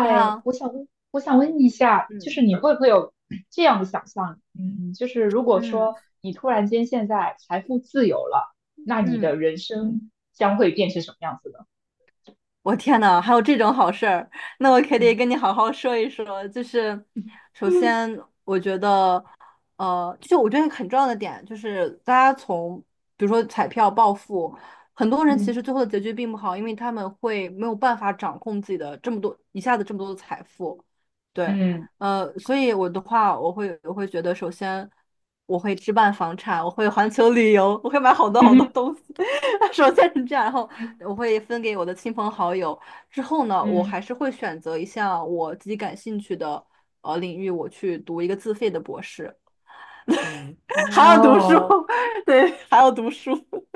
你好，我想问，我想问一下，就是嗯，你会不会有 这样的想象？嗯，就是如果说嗯你突然间现在财富自由了，那你嗯，的人生将会变成什么样子呢？我天呐，还有这种好事儿，那我可得跟你 好好说一说。就是，首先，就我觉得很重要的点就是大家从比如说彩票暴富，很多嗯人嗯其实嗯最后的结局并不好，因为他们会没有办法掌控自己的这么多一下子这么多的财富，对，嗯 所以我的话，我会觉得，首先我会置办房产，我会环球旅游，我会买好多好多 东西，首先是这样，然后嗯我会分给我的亲朋好友，之后呢，我嗯，还是会选择一项我自己感兴趣的领域，我去读一个自费的博士。还要读书，哦，对，还要读书，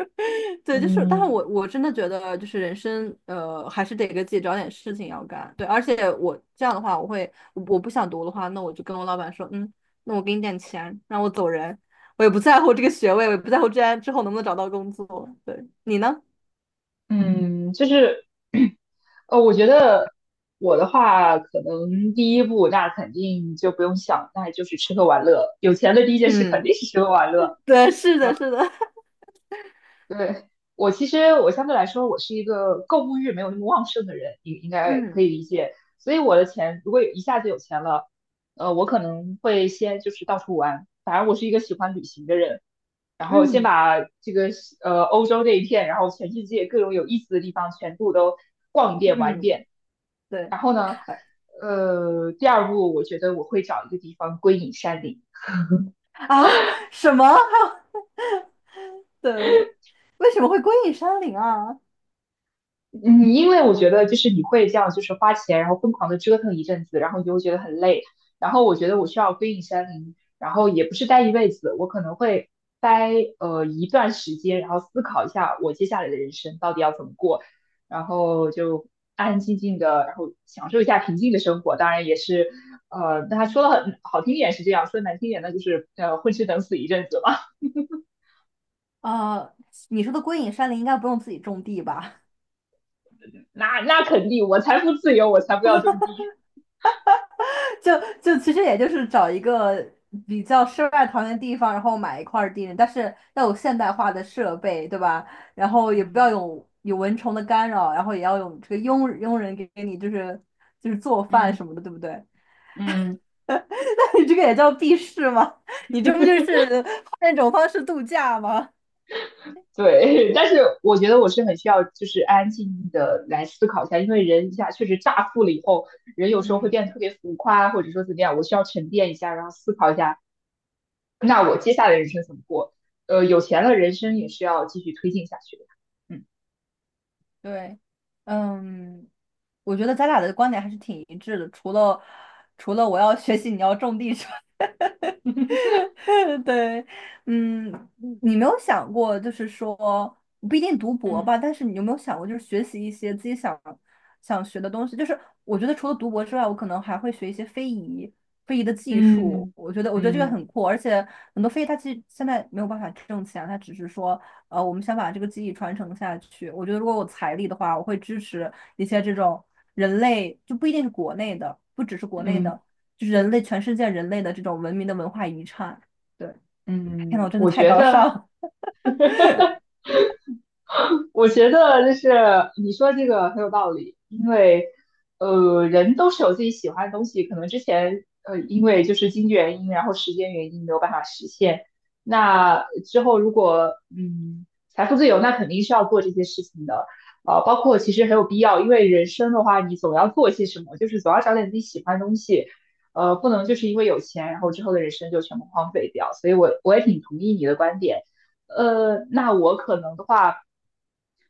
对，就是，但是嗯我真的觉得，就是人生，还是得给自己找点事情要干，对，而且我这样的话，我会，我不想读的话，那我就跟我老板说，嗯，那我给你点钱，让我走人，我也不在乎这个学位，我也不在乎这样之后能不能找到工作，对，你呢？嗯，我觉得我的话，可能第一步那肯定就不用想，那就是吃喝玩乐。有钱的第一件事肯嗯，定是吃喝玩乐。对，是的，是的，对，我其实我相对来说，我是一个购物欲没有那么旺盛的人，应应 该可嗯以理解。所以我的钱如果有一下子有钱了，我可能会先就是到处玩。反正我是一个喜欢旅行的人，然后先嗯把这个欧洲这一片，然后全世界各种有意思的地方全部都逛一遍玩一嗯，遍。对，然后呢，第二步我觉得我会找一个地方归隐山林。啊，什么？对，为什么会归隐山林啊？嗯，因为我觉得就是你会这样，就是花钱，然后疯狂的折腾一阵子，然后你就会觉得很累。然后我觉得我需要归隐山林，然后也不是待一辈子，我可能会待一段时间，然后思考一下我接下来的人生到底要怎么过，然后就安安静静的，然后享受一下平静的生活。当然也是，那他说的很好听一点是这样，说得难听点那就是混吃等死一阵子吧。呃，你说的归隐山林应该不用自己种地吧？那肯定，我财富自由，我才不要种地。就就其实也就是找一个比较世外桃源的地方，然后买一块儿地，但是要有现代化的设备，对吧？然后也不要嗯有蚊虫的干扰，然后也要有这个佣人给你就是做饭嗯什么的，对不对？嗯，那你这个也叫避世吗？你这不就是换一种方式度假吗？对，但是我觉得我是很需要，就是安安静静的来思考一下，因为人一下确实乍富了以后，人有时候会变嗯，得特别浮夸，或者说怎么样，我需要沉淀一下，然后思考一下，那我接下来人生怎么过？有钱了，人生也是要继续推进下去的。嗯对，嗯。我觉得咱俩的观点还是挺一致的，除了我要学习，你要种地之外，对，嗯，你没有想过，就是说不一定读博嗯吧，但是你有没有想过，就是学习一些自己想学的东西？就是我觉得除了读博之外，我可能还会学一些非遗，非遗的技术。嗯我觉得这个嗯很酷，而且很多非遗它其实现在没有办法挣钱，它只是说，我们想把这个技艺传承下去。我觉得如果我财力的话，我会支持一些这种。人类就不一定是国内的，不只是国内嗯，的，就是人类全世界人类的这种文明的文化遗产。对，天呐，我嗯，真的我太觉高尚得。了。我觉得就是你说这个很有道理，因为人都是有自己喜欢的东西，可能之前因为就是经济原因，然后时间原因没有办法实现。那之后如果财富自由，那肯定是要做这些事情的，包括其实很有必要，因为人生的话，你总要做些什么，就是总要找点自己喜欢的东西，不能就是因为有钱，然后之后的人生就全部荒废掉。所以我也挺同意你的观点。那我可能的话，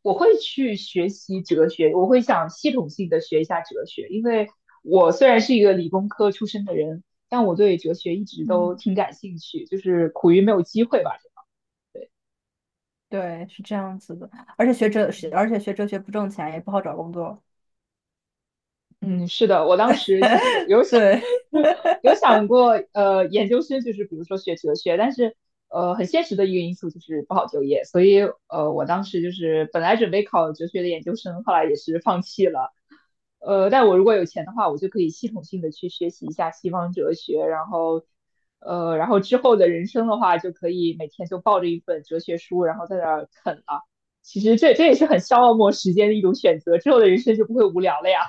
我会去学习哲学，我会想系统性的学一下哲学，因为我虽然是一个理工科出身的人，但我对哲学一直都嗯，挺感兴趣，就是苦于没有机会吧。对，对，是这样子的。而且学哲，而且学哲学不挣钱，也不好找工作。嗯，是的，我当时其实有 想 对。有想过，研究生就是比如说学哲学，但是很现实的一个因素就是不好就业，所以我当时就是本来准备考哲学的研究生，后来也是放弃了。但我如果有钱的话，我就可以系统性的去学习一下西方哲学，然后，然后之后的人生的话，就可以每天就抱着一本哲学书，然后在那儿啃了。其实这也是很消磨时间的一种选择，之后的人生就不会无聊了呀。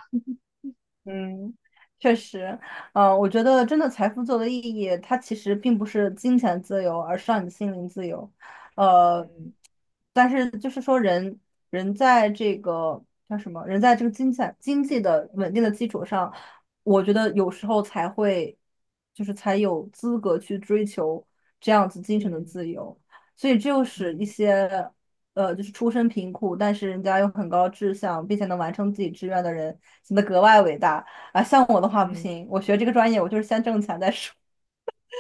嗯，确实，我觉得真的财富自由的意义，它其实并不是金钱自由，而是让你心灵自由。呃，嗯但是就是说人，人在这个叫什么？人在这个金钱经济的稳定的基础上，我觉得有时候才会，就是才有资格去追求这样子精神的嗯自由。所以，这又使一嗯些，就是出身贫苦，但是人家有很高志向，并且能完成自己志愿的人，显得格外伟大啊。像我的话不嗯。嗯行，我学这个专业，我就是先挣钱再说，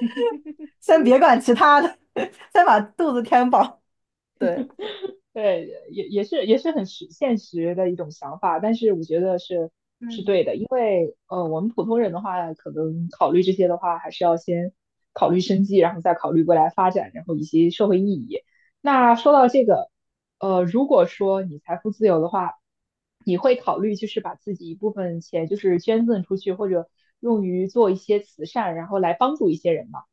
嗯 先别管其他的，先把肚子填饱。对，对，也是也是很实现实的一种想法，但是我觉得是嗯，对的，因为我们普通人的话，可能考虑这些的话，还是要先考虑生计，然后再考虑未来发展，然后以及社会意义。那说到这个，如果说你财富自由的话，你会考虑就是把自己一部分钱就是捐赠出去，或者用于做一些慈善，然后来帮助一些人吗？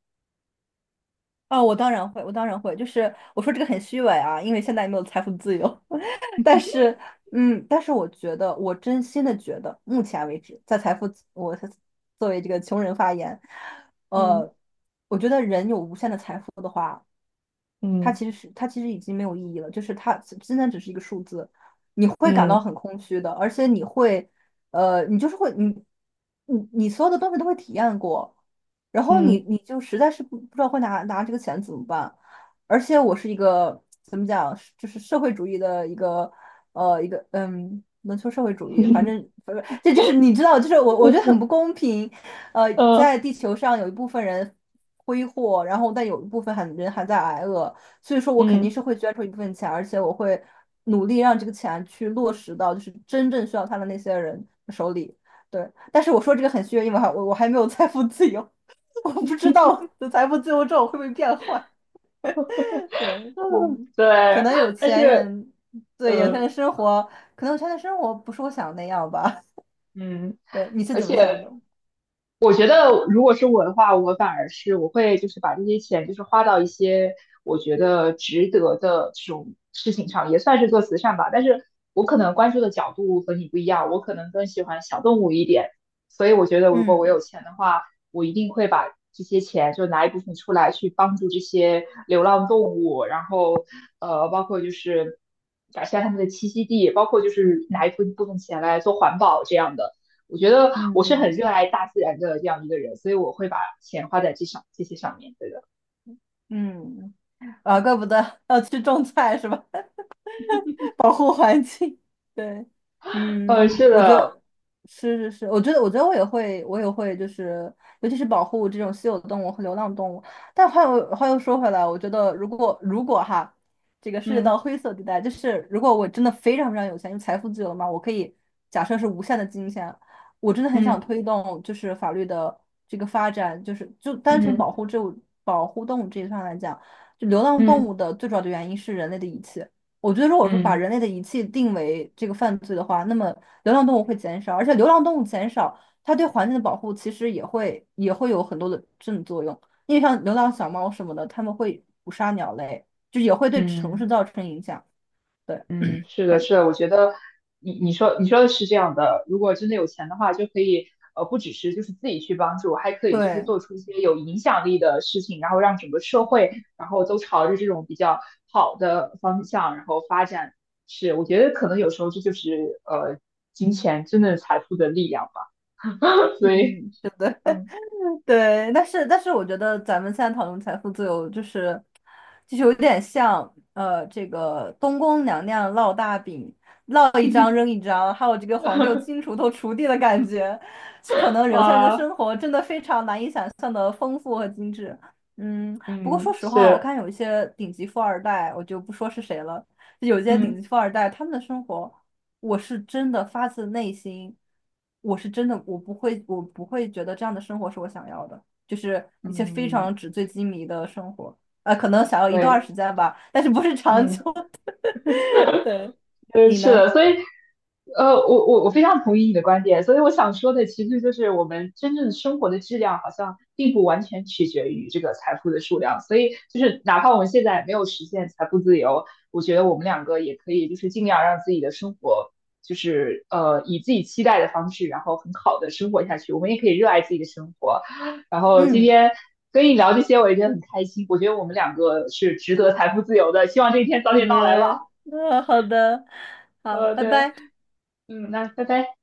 啊，我当然会，我当然会，就是我说这个很虚伪啊，因为现在也没有财富自由，但是，嗯，但是我觉得，我真心的觉得，目前为止，在财富我我作为这个穷人发言，嗯呃，我觉得人有无限的财富的话。嗯它其实已经没有意义了，就是它现在只是一个数字，你会感到嗯很空虚的，而且你会，呃，你就是会你所有的东西都会体验过，然后嗯你嗯你就实在是不知道会拿这个钱怎么办，而且我是一个怎么讲，是就是社会主义的一个。能说社会主义，反正不是，这就是你知道，就是我觉得很嗯。不公平。嗯嗯在地球上有一部分人挥霍，然后但有一部分还人还在挨饿，所以说我肯定嗯是会捐出一部分钱，而且我会努力让这个钱去落实到就是真正需要它的那些人手里。对，但是我说这个很虚，因为我还没有财富自由，我不知道我的财富自由之后会不会变坏。对，嗯，可对，能有但钱是人对有钱呃人生活，可能有钱人生活不是我想的那样吧。嗯，对，你是而怎么想且的？我觉得如果是我的话，我反而是我会就是把这些钱就是花到一些我觉得值得的这种事情上，也算是做慈善吧。但是我可能关注的角度和你不一样，我可能更喜欢小动物一点。所以我觉得如果我有嗯钱的话，我一定会把这些钱就拿一部分出来去帮助这些流浪动物，然后包括就是改善他们的栖息地，包括就是拿一部分钱来做环保这样的。我觉得我是很嗯热爱大自然的这样一个人，所以我会把钱花在这些上面。对的，嗯，啊，怪不得要去种菜是吧？保护环境。对，嗯，嗯，是我觉的，得是是是，我觉得我也会，我也会，就是尤其是保护这种稀有动物和流浪动物。但话又说回来，我觉得如果哈，这个涉及到嗯灰色地带，就是如果我真的非常非常有钱，就财富自由了嘛，我可以假设是无限的金钱，我真的很想嗯推动就是法律的这个发展，就单嗯纯嗯保护动物这一上来讲，就流浪动物嗯的最主要的原因是人类的遗弃。我觉得，如果说嗯。嗯把嗯人类的遗弃定为这个犯罪的话，那么流浪动物会减少，而且流浪动物减少，它对环境的保护其实也会有很多的正作用。因为像流浪小猫什么的，它们会捕杀鸟类，就也会对城嗯市造成影响。对，嗯，是的，很是的，我觉得你说你说的是这样的，如果真的有钱的话，就可以不只是就是自己去帮助，还可以就是对，做出一些有影响力的事情，然后让整个社会，然后都朝着这种比较好的方向，然后发展。是，我觉得可能有时候这就是金钱真的财富的力量吧。所以 嗯。嗯，对，但是我觉得咱们现在讨论财富自由，就是有点像，这个东宫娘娘烙大饼，烙一张扔一张，还有这个皇帝有金锄头锄地的感觉。这可能有些人的啊，生活真的非常难以想象的丰富和精致。嗯，不过说嗯，实话，我是，看有一些顶级富二代，我就不说是谁了，有些顶嗯级富二代他们的生活。我是真的发自内心，我是真的，我不会觉得这样的生活是我想要的，就是一些非嗯，常纸醉金迷的生活，啊，可能想要一段对，时间吧，但是不是长久嗯。的。对，嗯，你是呢？的，所以，我非常同意你的观点，所以我想说的其实就是我们真正生活的质量好像并不完全取决于这个财富的数量，所以就是哪怕我们现在没有实现财富自由，我觉得我们两个也可以就是尽量让自己的生活就是以自己期待的方式，然后很好的生活下去，我们也可以热爱自己的生活。然后今嗯，天跟你聊这些，我也觉得很开心，我觉得我们两个是值得财富自由的，希望这一天早点到来嗯，吧。嗯，好的，好，拜对。拜。嗯，那拜拜。